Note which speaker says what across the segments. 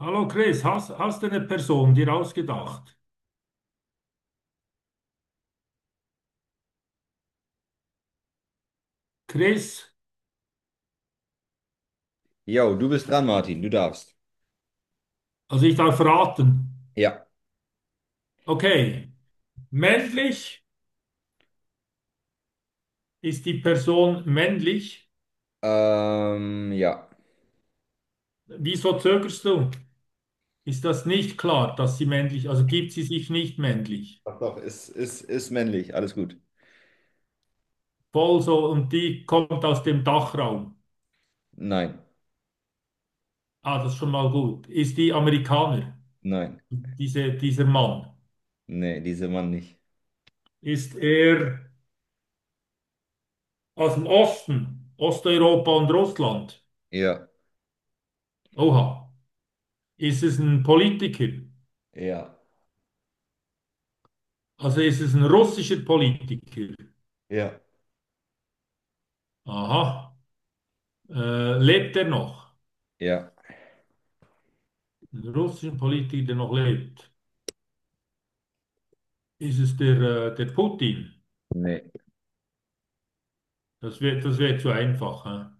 Speaker 1: Hallo Chris, hast du eine Person dir ausgedacht? Chris,
Speaker 2: Jo, du bist dran, Martin. Du darfst.
Speaker 1: also ich darf raten.
Speaker 2: Ja.
Speaker 1: Okay, männlich ist die Person männlich?
Speaker 2: Ja.
Speaker 1: Wieso zögerst du? Ist das nicht klar, dass sie männlich, also gibt sie sich nicht männlich?
Speaker 2: Doch, doch, ist männlich. Alles gut.
Speaker 1: Voll so, und die kommt aus dem Dachraum.
Speaker 2: Nein.
Speaker 1: Ah, das ist schon mal gut. Ist die Amerikaner,
Speaker 2: Nein.
Speaker 1: dieser Mann?
Speaker 2: Nee, diese Mann nicht.
Speaker 1: Ist er aus dem Osten, Osteuropa und Russland?
Speaker 2: Ja.
Speaker 1: Oha. Ist es ein Politiker?
Speaker 2: Ja.
Speaker 1: Also ist es ein russischer Politiker.
Speaker 2: Ja.
Speaker 1: Aha. Lebt er noch?
Speaker 2: Ja.
Speaker 1: Ein russischer Politiker, der noch lebt. Ist es der Putin?
Speaker 2: Nee.
Speaker 1: Das wär zu einfach, hä?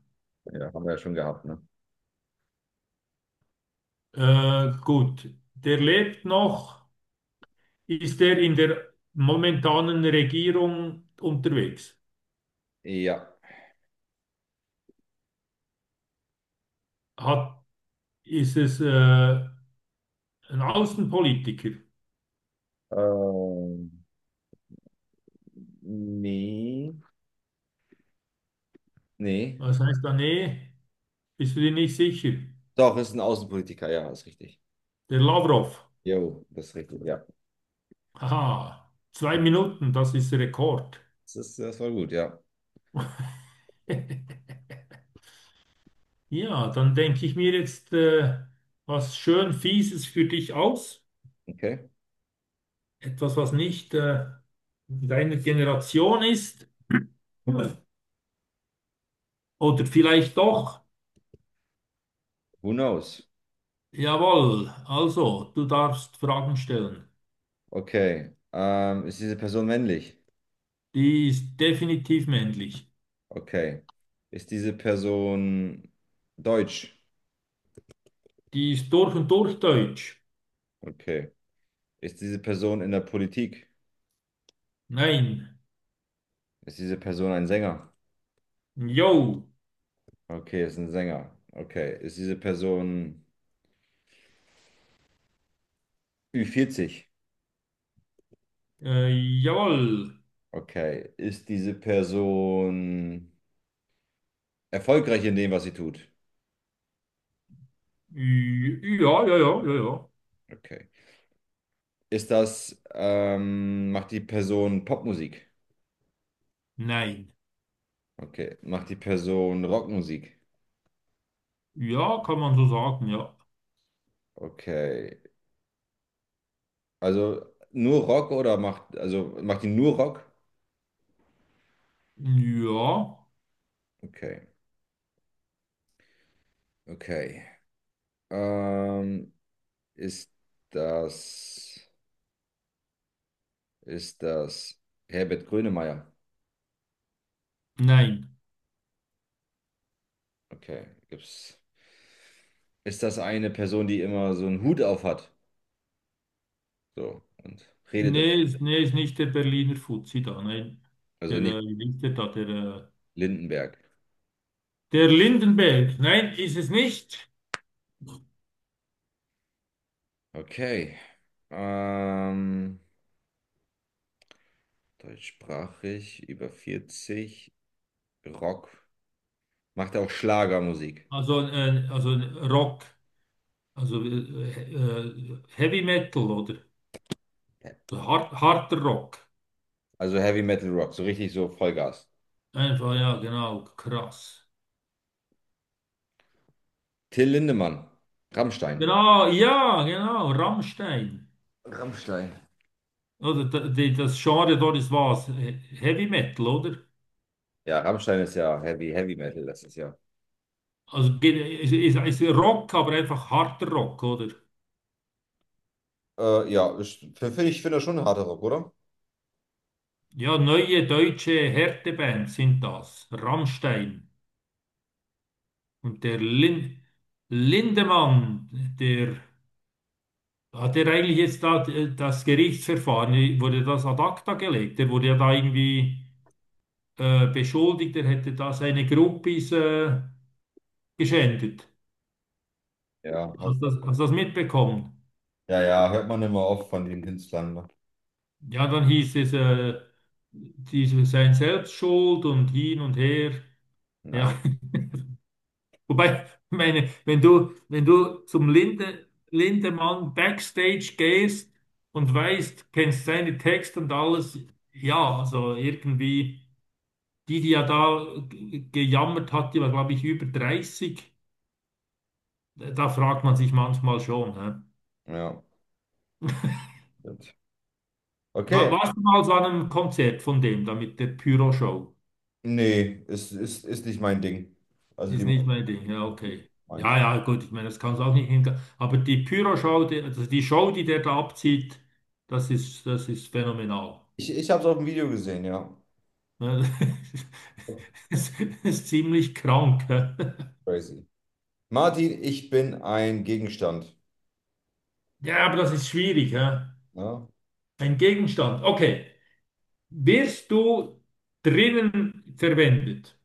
Speaker 2: Ja, haben wir ja schon gehabt, ne?
Speaker 1: Gut. Der lebt noch. Ist er in der momentanen Regierung unterwegs?
Speaker 2: Ja.
Speaker 1: Hat, ist es ein Außenpolitiker?
Speaker 2: Ähm, nee. Nee.
Speaker 1: Was heißt da? Nee, bist du dir nicht sicher?
Speaker 2: Doch, ist ein Außenpolitiker. Ja, ist richtig.
Speaker 1: Der Lavrov.
Speaker 2: Jo, das ist richtig. Ja.
Speaker 1: Haha. Zwei Minuten, das ist Rekord.
Speaker 2: Das war gut, ja.
Speaker 1: Ja, dann denke ich mir jetzt was schön Fieses für dich aus.
Speaker 2: Okay.
Speaker 1: Etwas, was nicht deiner Generation ist. Oder vielleicht doch.
Speaker 2: Who knows?
Speaker 1: Jawohl, also, du darfst Fragen stellen.
Speaker 2: Okay. Ist diese Person männlich?
Speaker 1: Die ist definitiv männlich.
Speaker 2: Okay. Ist diese Person deutsch?
Speaker 1: Die ist durch und durch deutsch.
Speaker 2: Okay. Ist diese Person in der Politik?
Speaker 1: Nein.
Speaker 2: Ist diese Person ein Sänger?
Speaker 1: Jo.
Speaker 2: Okay, ist ein Sänger. Okay. Ist diese Person ü vierzig?
Speaker 1: Äh, Jawohl.
Speaker 2: Okay. Ist diese Person erfolgreich in dem, was sie tut?
Speaker 1: Ja, ja, ja, ja, ja.
Speaker 2: Okay. Macht die Person Popmusik?
Speaker 1: Nein.
Speaker 2: Okay. Macht die Person Rockmusik?
Speaker 1: Ja, kann man so sagen, ja.
Speaker 2: Okay. Also nur Rock also macht die nur Rock?
Speaker 1: Ja.
Speaker 2: Okay. Okay. Ähm, ist das, ist das Herbert Grönemeyer?
Speaker 1: Nein.
Speaker 2: Okay, gibt's. Ist das eine Person, die immer so einen Hut auf hat? So, und redet immer.
Speaker 1: Nee, ist nicht der Berliner Fuzzi da, nein. Der,
Speaker 2: Also nicht
Speaker 1: wie ist der da, der,
Speaker 2: Lindenberg.
Speaker 1: der Lindenberg, nein, ist es nicht.
Speaker 2: Okay. Ähm, deutschsprachig, über vierzig, Rock. Macht er auch Schlagermusik?
Speaker 1: Also Rock, also Heavy Metal oder
Speaker 2: Ja.
Speaker 1: so harter Rock.
Speaker 2: Also Heavy Metal Rock, so richtig so Vollgas.
Speaker 1: Einfach, ja, genau, krass.
Speaker 2: Till Lindemann, Rammstein.
Speaker 1: Genau, ja, genau, Rammstein.
Speaker 2: Rammstein.
Speaker 1: Oder das Genre dort ist was? Heavy Metal, oder?
Speaker 2: Ja, Rammstein ist ja Heavy, Heavy Metal, das ist ja.
Speaker 1: Also ist Rock, aber einfach harter Rock, oder?
Speaker 2: Ja, ich find das schon harter Rock, oder?
Speaker 1: Ja, neue deutsche Härteband sind das. Rammstein und der Lindemann, der hat er eigentlich jetzt da das Gerichtsverfahren, wurde das ad acta gelegt. Der wurde ja da irgendwie beschuldigt, er hätte da seine Groupies geschändet.
Speaker 2: Ja,
Speaker 1: Hast du das mitbekommen?
Speaker 2: ja, ja, hört man immer oft von den Künstlern, ne?
Speaker 1: Ja, dann hieß es, diese, sein Selbstschuld und hin und her. Ja,
Speaker 2: Nein.
Speaker 1: Wobei, meine, wenn du zum Lindemann Backstage gehst und weißt, kennst seine Texte und alles, ja, also irgendwie, die ja da gejammert hat, die war, glaube ich, über 30, da fragt man sich manchmal schon, hä?
Speaker 2: Ja, stimmt. Okay,
Speaker 1: Warst du mal so an einem Konzert von dem, da mit der Pyro-Show?
Speaker 2: nee, ist nicht mein Ding. Also die
Speaker 1: Ist
Speaker 2: Musik
Speaker 1: nicht mein Ding, ja,
Speaker 2: ist nicht
Speaker 1: okay. Ja,
Speaker 2: meins.
Speaker 1: ja, gut, ich meine, das kann es auch nicht hinkriegen. Aber die Pyro-Show, also die Show, die der da abzieht, das ist phänomenal.
Speaker 2: Ich habe es auf dem Video gesehen, ja.
Speaker 1: Ne, Das ist ziemlich krank, hä?
Speaker 2: Crazy. Martin, ich bin ein Gegenstand.
Speaker 1: Ja, aber das ist schwierig, hä?
Speaker 2: Ja,
Speaker 1: Ein Gegenstand. Okay. Wirst du drinnen verwendet?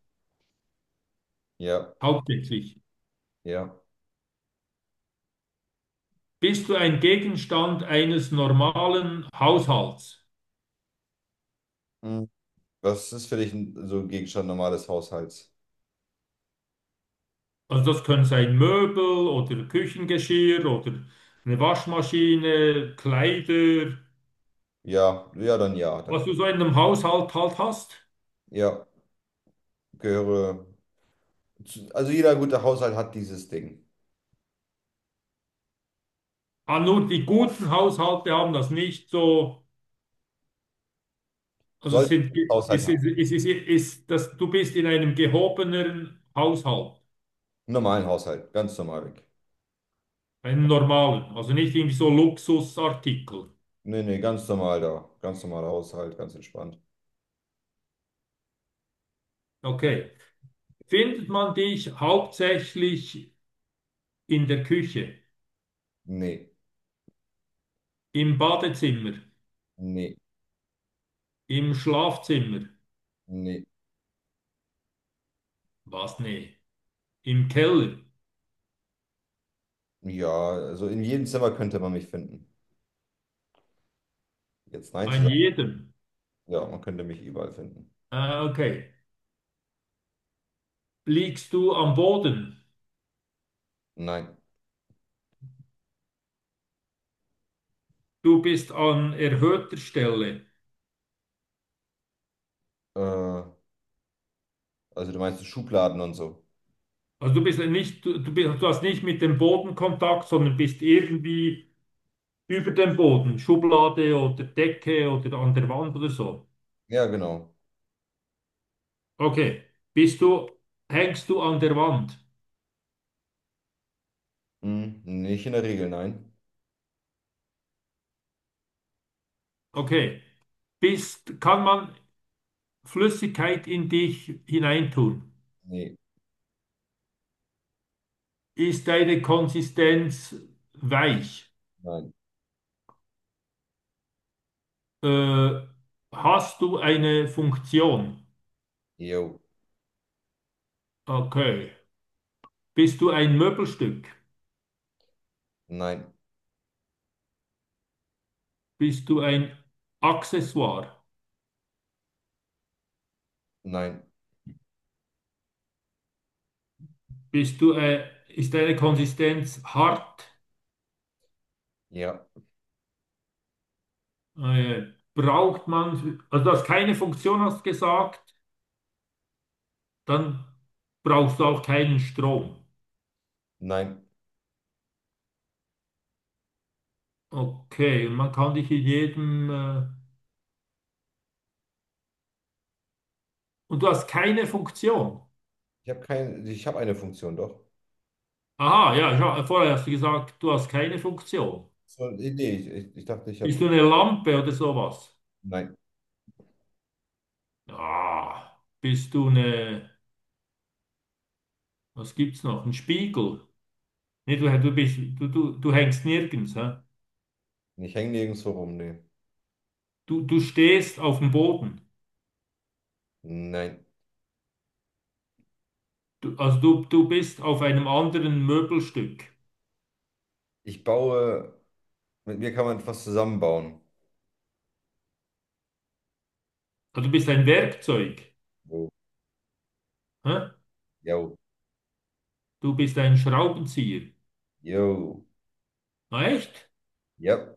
Speaker 2: ja,
Speaker 1: Hauptsächlich.
Speaker 2: ja.
Speaker 1: Bist du ein Gegenstand eines normalen Haushalts?
Speaker 2: Hm. Was ist für dich so ein Gegenstand normales Haushalts?
Speaker 1: Also das können sein Möbel oder Küchengeschirr oder eine Waschmaschine, Kleider,
Speaker 2: Ja, ja, dann ja.
Speaker 1: was
Speaker 2: Dann,
Speaker 1: du so in einem Haushalt halt hast.
Speaker 2: ja, gehöre. Zu, also jeder gute Haushalt hat dieses Ding.
Speaker 1: Ah, nur die guten Haushalte haben das nicht so. Also es
Speaker 2: Sollte ich
Speaker 1: sind,
Speaker 2: einen Haushalt haben.
Speaker 1: es ist, ist, dass du bist in einem gehobeneren Haushalt,
Speaker 2: Einen normalen Haushalt, ganz normal weg.
Speaker 1: einem normalen, also nicht irgendwie so Luxusartikel.
Speaker 2: Nee, nee, ganz normal da. Ganz normaler Haushalt, ganz entspannt.
Speaker 1: Okay. Findet man dich hauptsächlich in der Küche,
Speaker 2: Nee,
Speaker 1: im Badezimmer,
Speaker 2: nee,
Speaker 1: im Schlafzimmer?
Speaker 2: nee.
Speaker 1: Was? Nee. Im Keller,
Speaker 2: Ja, also in jedem Zimmer könnte man mich finden. Jetzt nein zu
Speaker 1: an
Speaker 2: sagen,
Speaker 1: jedem.
Speaker 2: ja, man könnte mich überall finden.
Speaker 1: Ah, okay. Liegst du am Boden?
Speaker 2: Nein.
Speaker 1: Du bist an erhöhter Stelle.
Speaker 2: Also du meinst Schubladen und so.
Speaker 1: Also du bist nicht, du bist, du hast nicht mit dem Boden Kontakt, sondern bist irgendwie über dem Boden, Schublade oder Decke oder an der Wand oder so.
Speaker 2: Ja, genau.
Speaker 1: Okay. Bist du, hängst du an der Wand?
Speaker 2: Hm, nicht in der Regel, nein.
Speaker 1: Okay. Kann man Flüssigkeit in dich hineintun?
Speaker 2: Nee,
Speaker 1: Ist deine Konsistenz weich?
Speaker 2: nein.
Speaker 1: Äh, Hast du eine Funktion?
Speaker 2: Jo,
Speaker 1: Okay. Bist du ein Möbelstück?
Speaker 2: nein,
Speaker 1: Bist du ein Accessoire?
Speaker 2: nein,
Speaker 1: Ist deine Konsistenz hart?
Speaker 2: ja,
Speaker 1: Äh, Braucht man, also du hast keine Funktion, hast gesagt, dann brauchst du auch keinen Strom.
Speaker 2: nein.
Speaker 1: Okay, und man kann dich in jedem, und du hast keine Funktion.
Speaker 2: Ich habe keine, ich habe eine Funktion, doch.
Speaker 1: Aha, ja, ich vorher hast du gesagt, du hast keine Funktion.
Speaker 2: So, nee, ich dachte, ich habe
Speaker 1: Bist du
Speaker 2: die.
Speaker 1: eine Lampe oder sowas?
Speaker 2: Nein.
Speaker 1: Ah, bist du eine, was gibt's noch? Ein Spiegel. Nee, du hängst nirgends, hä?
Speaker 2: Ich hänge nirgendwo rum, nee.
Speaker 1: Du stehst auf dem Boden.
Speaker 2: Nein.
Speaker 1: Du bist auf einem anderen Möbelstück.
Speaker 2: Ich baue, mit mir kann man etwas zusammenbauen.
Speaker 1: Also du bist ein Werkzeug,
Speaker 2: Jo,
Speaker 1: hä?
Speaker 2: jo,
Speaker 1: Du bist ein Schraubenzieher.
Speaker 2: jo,
Speaker 1: Ah, echt?
Speaker 2: ja.